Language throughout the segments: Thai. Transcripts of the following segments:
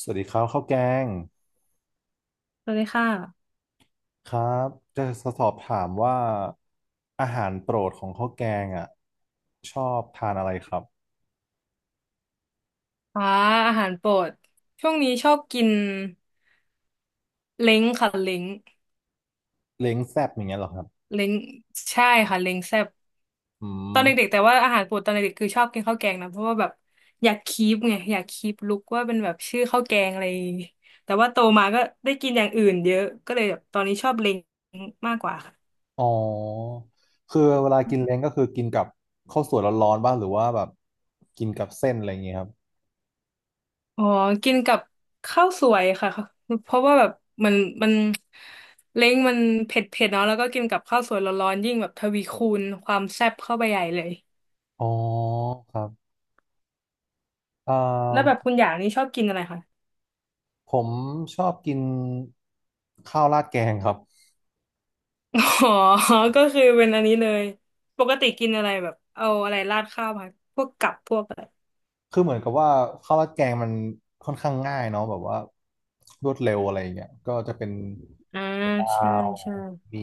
สวัสดีครับข้าวแกงสวัสดีค่ะครับจะสอบถามว่าอาหารโปรดของข้าวแกงอ่ะชอบทานอะไรครับอ่าอาหารโปรดช่วงนี้ชอบกินเล้งค่ะเล้งเล้งแซ่บอย่างเงี้ยเหรอครับเล้งใช่ค่ะเล้งแซ่บอืตอนมเด็กๆแต่ว่าอาหารโปรดตอนเด็กๆคือชอบกินข้าวแกงนะเพราะว่าแบบอยากคีปไงอยากคีปลุกว่าเป็นแบบชื่อข้าวแกงอะไรแต่ว่าโตมาก็ได้กินอย่างอื่นเยอะก็เลยแบบตอนนี้ชอบเล้งมากกว่า อ๋อคือเวลากินเล้งก็คือกินกับข้าวสวยร้อนๆบ้างหรือว่าแบบกินกับเส้นอะไรอย่างเงี้ยครับอ๋อกินกับข้าวสวยค่ะ เพราะว่าแบบมันมันเล้งมันเผ็ดเผ็ดเนาะแล้วก็กินกับข้าวสวยร้อนๆยิ่งแบบทวีคูณความแซ่บเข้าไปใหญ่เลยอ๋อครับอ่แล้วแบบาคุณอย่างนี้ชอบกินอะไรคะ ผมชอบกินข้าวราดแกงครับ อ๋อก็คือเป็นอันนี้เลยปกติกินอะไรแบบเอาอะไรราดข้าวมาพวกกับพวกอะไรคือเหมือนกับว่าข้าวราดแกงมันค่อนข้างง่ายเนาะแบบว่ารวดเร็วอะไรอย่างเงี้ยก็จะเป็น อ่าข้าใช่วใช่มี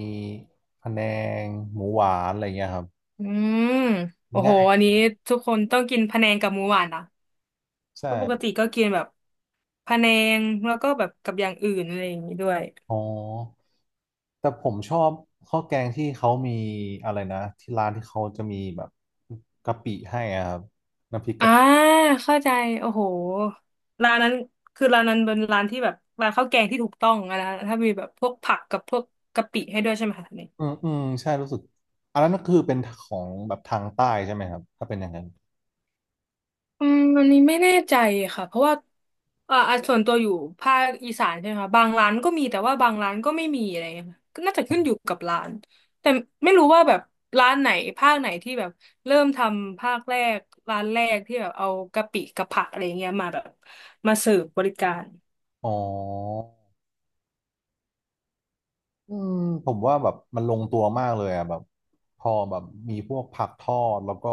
พะแนงหมูหวานอะไรเงี้ยครับอืมโอ้โหง่ายอันนี้ทุกคนต้องกินพะแนงกับหมูหวานนะใช่เพราะปกติก็กินแบบพะแนงแล้วก็แบบกับอย่างอื่นอะไรอย่างนี้ด้วย อ๋อแต่ผมชอบข้าวแกงที่เขามีอะไรนะที่ร้านที่เขาจะมีแบบกะปิให้อะครับน้ำพริกอ่ากะปิเข้าใจโอ้โหร้านนั้นคือร้านนั้นเป็นร้านที่แบบร้านข้าวแกงที่ถูกต้องอะนะถ้ามีแบบพวกผักกับพวกกะปิให้ด้วยใช่ไหมคะเนี่ยอืมอืมใช่รู้สึกอันนั้นก็คือเป็นของแบบทางใต้ใช่ไหมครับถ้าเป็นอย่างนั้นอืมอันนี้ไม่แน่ใจค่ะเพราะว่าอ่ะส่วนตัวอยู่ภาคอีสานใช่ไหมคะบางร้านก็มีแต่ว่าบางร้านก็ไม่มีอะไรเงี้ยค่ะก็น่าจะขึ้นอยู่กับร้านแต่ไม่รู้ว่าแบบร้านไหนภาคไหนที่แบบเริ่มทำภาคแรก ร้านแรกที่แบบเอากะปิกับผักอะไรเงี้ยมาแบบมาเสิร์ฟบริการอ๋อ อืมผมว่าแบบมันลงตัวมากเลยอ่ะแบบพอแบบมีพวกผักทอดแล้วก็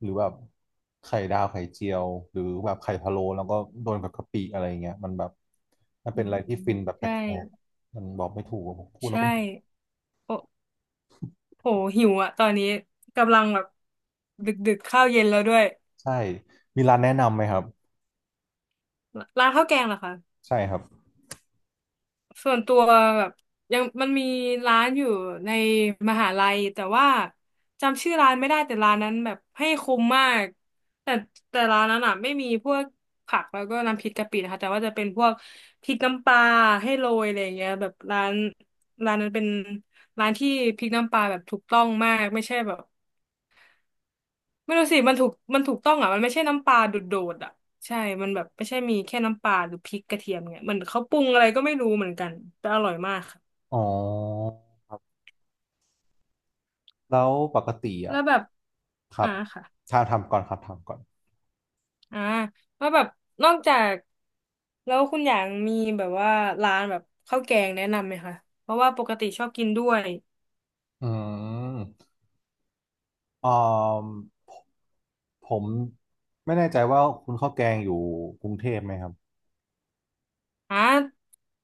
หรือแบบไข่ดาวไข่เจียวหรือแบบไข่พะโล้แล้วก็โดนกับกะปิอะไรเงี้ยมันแบบมันอืเป็นอะมไรที่ฟินแบบแปใช่ ลกๆมันบอกไม่ถูกอะผมพูดแล้วใช่ก็โอ้โหหิวอะตอนนี้กำลังแบบดึกดึกข้าวเย็นแล้วด้วยใช่มีร้านแนะนำไหมครับร้านข้าวแกงเหรอคะใช่ครับส่วนตัวแบบยังมันมีร้านอยู่ในมหาลัยแต่ว่าจำชื่อร้านไม่ได้แต่ร้านนั้นแบบให้คุ้มมากแต่ร้านนั้นอะไม่มีพวกผักแล้วก็น้ำพริกกะปินะคะแต่ว่าจะเป็นพวกพริกน้ำปลาให้โรยอะไรอย่างเงี้ยแบบร้านร้านนั้นเป็นร้านที่พริกน้ำปลาแบบถูกต้องมากไม่ใช่แบบ ไม่รู้สิมันถูกมันถูกต้องอ่ะ มันไม่ใช่น้ำปลาโดดๆอ่ะใช่ มันแบบไม่ใช่มีแค่น้ำปลาหรือพริกกระเทียมเนี่ยเหมือนเขาปรุงอะไรก็ไม่รู้เหมือนกัน แต่อร่อยมากค่ะ อ๋อแล้วปกติแล้อ่ะวแบบครัอ่าบค่ะทางทำก่อนครับทำก่อนอ่าแล้วแบบนอกจากแล้วคุณอย่างมีแบบว่าร้านแบบข้าวแกงแนะนำไหมคะเพราะว่าปกติชอบกินด้วยอืมอ่อผมไม่แน่ใจว่าคุณข้าวแกงอยู่กรุงเทพไหมครับ อ่า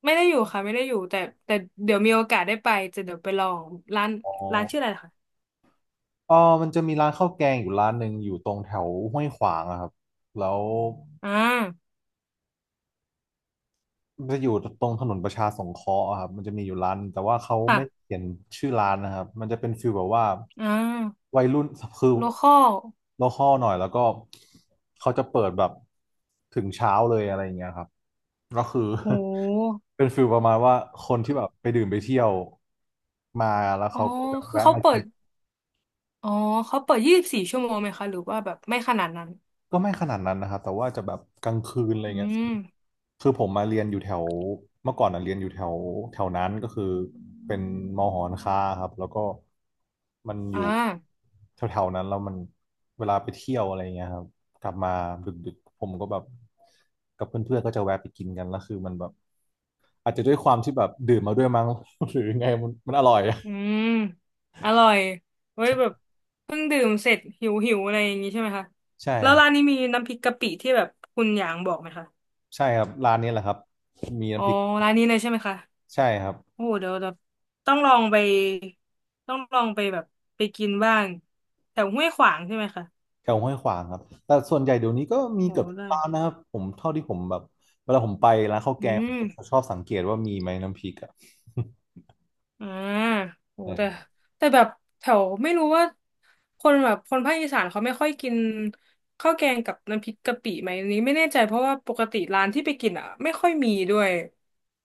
ไม่ได้อยู่ค่ะ ไม่ได้อยู่ แต่แต่เดี๋ยวมีโอกาสได้ไปจะเดี๋ยวไปลองร้านอ๋อร้านชื่ออะไรนะคะเออมันจะมีร้านข้าวแกงอยู่ร้านหนึ่งอยู่ตรงแถวห้วยขวางอะครับแล้วอ่ามันจะอยู่ตรงถนนประชาสงเคราะห์อะครับมันจะมีอยู่ร้านแต่ว่าเขาไม่ค่ะเขียนชื่อร้านนะครับมันจะเป็นฟีลแบบว่าอ่าวัยรุ่นคือโลคอลโลคอลหน่อยแล้วก็เขาจะเปิดแบบถึงเช้าเลยอะไรอย่างเงี้ยครับก็คือ โห เป็นฟีลประมาณว่าคนที่แบบไปดื่มไปเที่ยวมาแล้วอ๋อเขาก็จะคือแวะเขามาเปิกิดน อ๋อเขาเปิด24 ชั่วโมงไหมคะหรือว่าแบบไม่ขนาดนั้นก็ไม่ขนาดนั้นนะครับแต่ว่าจะแบบกลางคืนอะไรอืเงี้ยมคือผมมาเรียนอยู่แถวเมื่อก่อนอ่ะเรียนอยู่แถวแถวนั้นก็คือเป็นมอหอนค้าครับแล้วก็มันออ่ายู่แถวๆนั้นแล้วมันเวลาไปเที่ยวอะไรเงี้ยครับกลับมาดึกๆผมก็แบบกับเพื่อนๆก็จะแวะไปกินกันแล้วคือมันแบบอาจจะด้วยความที่แบบดื่มมาด้วยมั้ง หรือไงมันมันอร่อยอะอืมอร่อยเว้ยแบบเพิ่งดื่มเสร็จหิวหิวอะไรอย่างงี้ใช่ไหมคะใช่แล้วครับร้านนี้มีน้ำพริกกะปิที่แบบคุณหยางบอกไหมคะใช่ครับร้านนี้แหละครับมีอ๋อน้ำพริกร้านนี้เลยใช่ไหมคะใช่ครับ โอ้โหเดี๋ยวเดี๋ยวต้องลองไปต้องลองไปแบบไปกินบ้างแถวห้วยขวางใช่ไหมคะแถวห้วยขวางครับแต่ส่วนใหญ่เดี๋ยวนี้ก็มีโอ้เกืโหอบทุกได้ร้านนะครับผมเท่าที่ผมแบบเวลาผมไปร้านข้าวอืแกงผมม ก็ชอบสังเกตว่ามีไหมน้ำพริกอ่ะ อ่าโห เออแต่แต่แบบแถวไม่รู้ว่าคนแบบคนภาคอีสานเขาไม่ค่อยกินข้าวแกงกับน้ำพริกกะปิไหมอันนี้ไม่แน่ใจเพราะว่าปกติร้านที่ไปกินอ่ะไม่ค่อยมีด้วย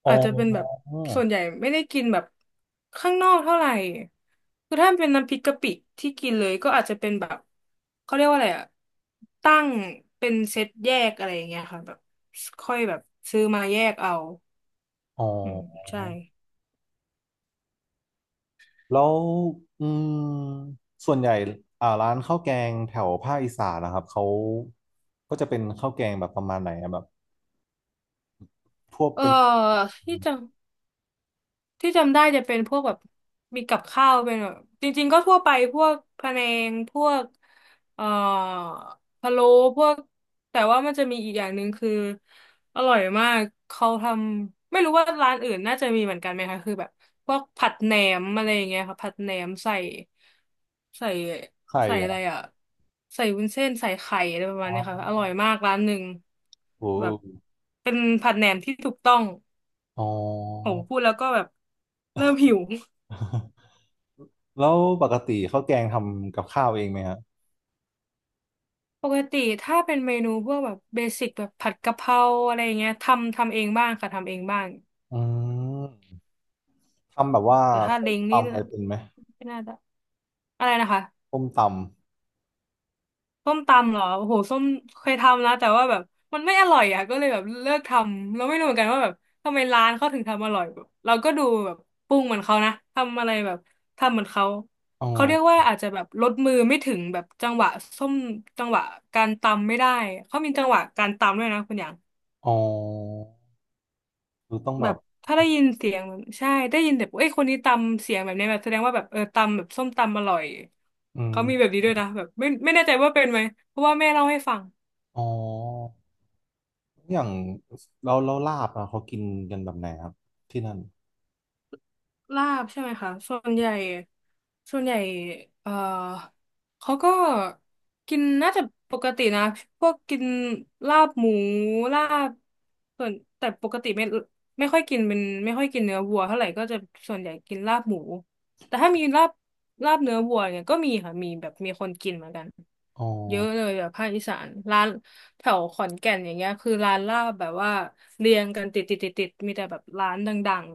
อ๋อาจจะเป็นแบบอส่วนใหญ่ไม่ได้กินแบบข้างนอกเท่าไหร่คือถ้าเป็นน้ำพริกกะปิที่กินเลยก็อาจจะเป็นแบบเขาเรียกว่าอะไรอ่ะตั้งเป็นเซตแยกอะไรอย่างเงี้ยค่ะแบบค่อยแบบซื้อมาแยกเอาอ๋ออืมใช่แล้วอืมส่วนใหญ่ร้านข้าวแกงแถวภาคอีสานนะครับเขาก็จะเป็นข้าวแกงแบบประมาณไหนอะแบบพวกเออเป็นที่จะ ที่จำได้จะเป็นพวกแบบมีกับข้าวเป็นแบบจริงๆก็ทั่วไปพวกพะแนงพวกเอ่อพะโล้พวกแต่ว่ามันจะมีอีกอย่างหนึ่งคืออร่อยมากเขาทำไม่รู้ว่าร้านอื่นน่าจะมีเหมือนกันไหมคะคือแบบพวกผัดแหนมอะไรอย่างเงี้ยค่ะผัดแหนมใส่ใส่ไข่ใส่เหรอะอไรอ่ะใส่วุ้นเส้นใส่ไข่อะไรประมาอ๋ณอเนี้ยค่ะอร่อยมากร้านหนึ่งโอ้โแบบหเป็นผัดแหนมที่ถูกต้อง อ๋อ โหพูดแล้วก็แบบเริ่มหิว แล้วปกติข้าวแกงทำกับข้าวเองไหมฮะปกติถ้าเป็นเมนูพวกแบบเบสิกแบบผัดกะเพราอะไรอย่างเงี้ยทำเองบ้างค่ะทำเองบ้างอืม ทำแบบว่าแต่ถ้าส้มเล้งนี่ตำอะไรเป็นไหมไม่น่าจะอะไรนะคะ ส้มตส้มตำเหรอโอ้โหส้มเคยทำนะแต่ว่าแบบมันไม่อร่อยอ่ะก็เลยแบบเลิกทำแล้วไม่รู้เหมือนกันว่าแบบทำไมร้านเขาถึงทำอร่อยแบบเราก็ดูแบบปรุงเหมือนเขานะทำอะไรแบบทำเหมือนเขาำอ๋อเขาเรียกว่าอาจจะแบบลดมือไม่ถึงแบบจังหวะส้มจังหวะการตำไม่ได้เขามีจังหวะการตำด้วยนะคุณอย่างอ๋อคือต้องแบแบบบถ้าได้ยินเสียงแบบใช่ได้ยินแบบเอ้ยคนนี้ตำเสียงแบบนี้แบบแสดงว่าแบบเออตำแบบส้มตำอร่อยอืมเขามีแบบนี้ด้วยนะแบบไม่แน่ใจว่าเป็นไหมเพราะว่าแม่เล่าให้ฟัง อ๋ออย่างเราเราลาบอะเขากินกันแบบไหนครับที่นั่นลาบใช่ไหมคะส่วนใหญ่ส่วนใหญ่เอ่อเขาก็กินน่าจะปกตินะพวกกินลาบหมูลาบส่วนแต่ปกติไม่ไม่ค่อยกินเป็นไม่ค่อยกินเนื้อวัวเท่าไหร่ก็จะส่วนใหญ่กินลาบหมูแต่ถ้ามีลาบลาบเนื้อวัวเนี่ยก็มีค่ะมีแบบมีคนกินเหมือนกันอ๋อเยอะเลยแบบภาคอีสานร้านแถวขอนแก่นอย่างเงี้ยคือร้านลาบแบบว่าเรียงกันติดติดติดติดมีแต่แบบร้านดัง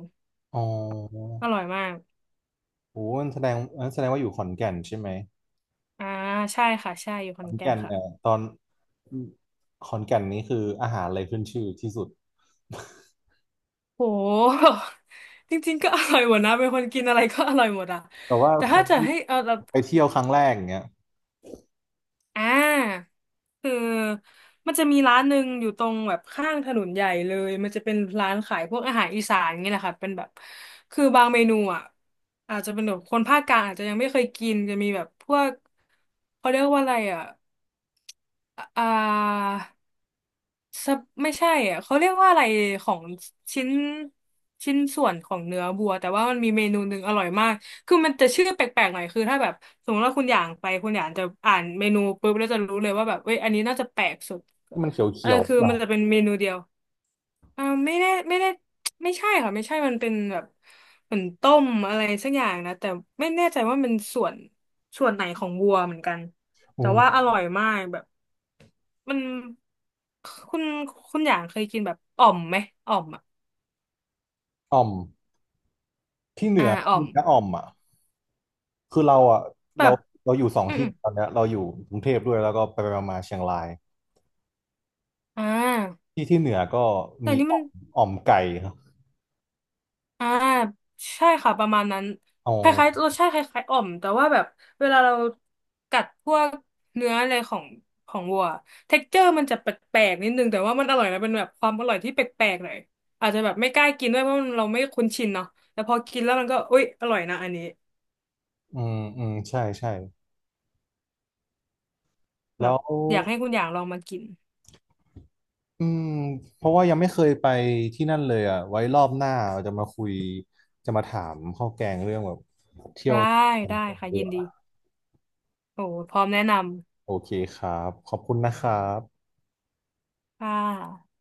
อ๋อๆอร่อยมาก โอ้มันแสดงงั้นแสดงว่าอยู่ขอนแก่นใช่ไหมอ่าใช่ค่ะใช่อยู่ขขออนนแก่นแก่นค่ะเนี่ยตอนขอนแก่นนี่คืออาหารอะไรขึ้นชื่อที่สุดโห จริงๆก็อร่อยหมดนะเป็นคนกินอะไรก็อร่อยหมดอะแต่ว่าแต่คถ้านจะที่ให้เอาแบบไปเที่ยวครั้งแรกอย่างเงี้ยอ่าคือมันจะมีร้านหนึ่งอยู่ตรงแบบข้างถนนใหญ่เลยมันจะเป็นร้านขายพวกอาหารอีสานอย่างเี้แหละค่ะเป็นแบบคือบางเมนูอ่ะอาจจะเป็นแบบคนภาคกลางอาจจะยังไม่เคยกินจะมีแบบพวกเขาเรียกว่าอะไรอ่ะอ่า ซับไม่ใช่อ่ะเขาเรียกว่าอะไรของชิ้นชิ้นส่วนของเนื้อบัวแต่ว่ามันมีเมนูหนึ่งอร่อยมากคือมันจะชื่อแปลกๆหน่อยคือถ้าแบบสมมติว่าคุณอย่างไปคุณอย่างจะอ่านเมนูปุ๊บแล้วจะรู้เลยว่าแบบเว้ยอันนี้น่าจะแปลกสุดที่มันเเออขียวคือๆแบมับนจะเป็นเมนูเดียวไม่ได้ไม่ได้ไม่ใช่ค่ะไม่ใช่มันเป็นแบบเหมือนต้มอะไรสักอย่างนะแต่ไม่แน่ใจว่ามันส่วนส่วนไหนของวัวเหมือนกันแต่อืว่าอมร่อยมากแบบ มันคุณคุณอย่างเคยกินแบบอ่อมไหมอ่อมอ่ะอ่อมที่เหนือ่าอก็อ่อมีมนะอ่อมอ่ะ คือเราอ่ะแบเราบเราอยู่สองอืมที่อมตอนเนี้ยเราอยู่กรุงเทพด้วยแล้วก็ไปไปมาๆเชียงรายอ่าที่ที่เหนือก็แต่มีอันนี้อ่มัอนมอ่อมไก่ครับอ่าใช่ค่ะประมาณนั้นคอล้ายๆรสชาติคล้ายๆอ่อมแต่ว่าแบบเวลาเรากัดพวกเนื้ออะไรของของวัวเท็กเจอร์มันจะแปลกๆนิดนึงแต่ว่ามันอร่อยนะเป็นแบบความอร่อยที่แปลกๆหน่อยอาจจะแบบไม่กล้ากินด้วยเพราะมันเราไม่คุ้นชินเนาะแต่พอกินแล้วมันก็อุ๊ยอร่อยนะอันนี้ออืมอืมใช่ใช่แบบแล้วอยากให้คุณอย่างลองมากินอืมเพราะว่ายังไม่เคยไปที่นั่นเลยอ่ะไว้รอบหน้าเราจะมาคุยจะมาถามข้าวแกงเรื่องแบบเที่ยวได้กันได้ค่ะดียิกนดี ว่าโอ้พร้อมแนะนโอเคครับขอบคุณนะครับำค่ะ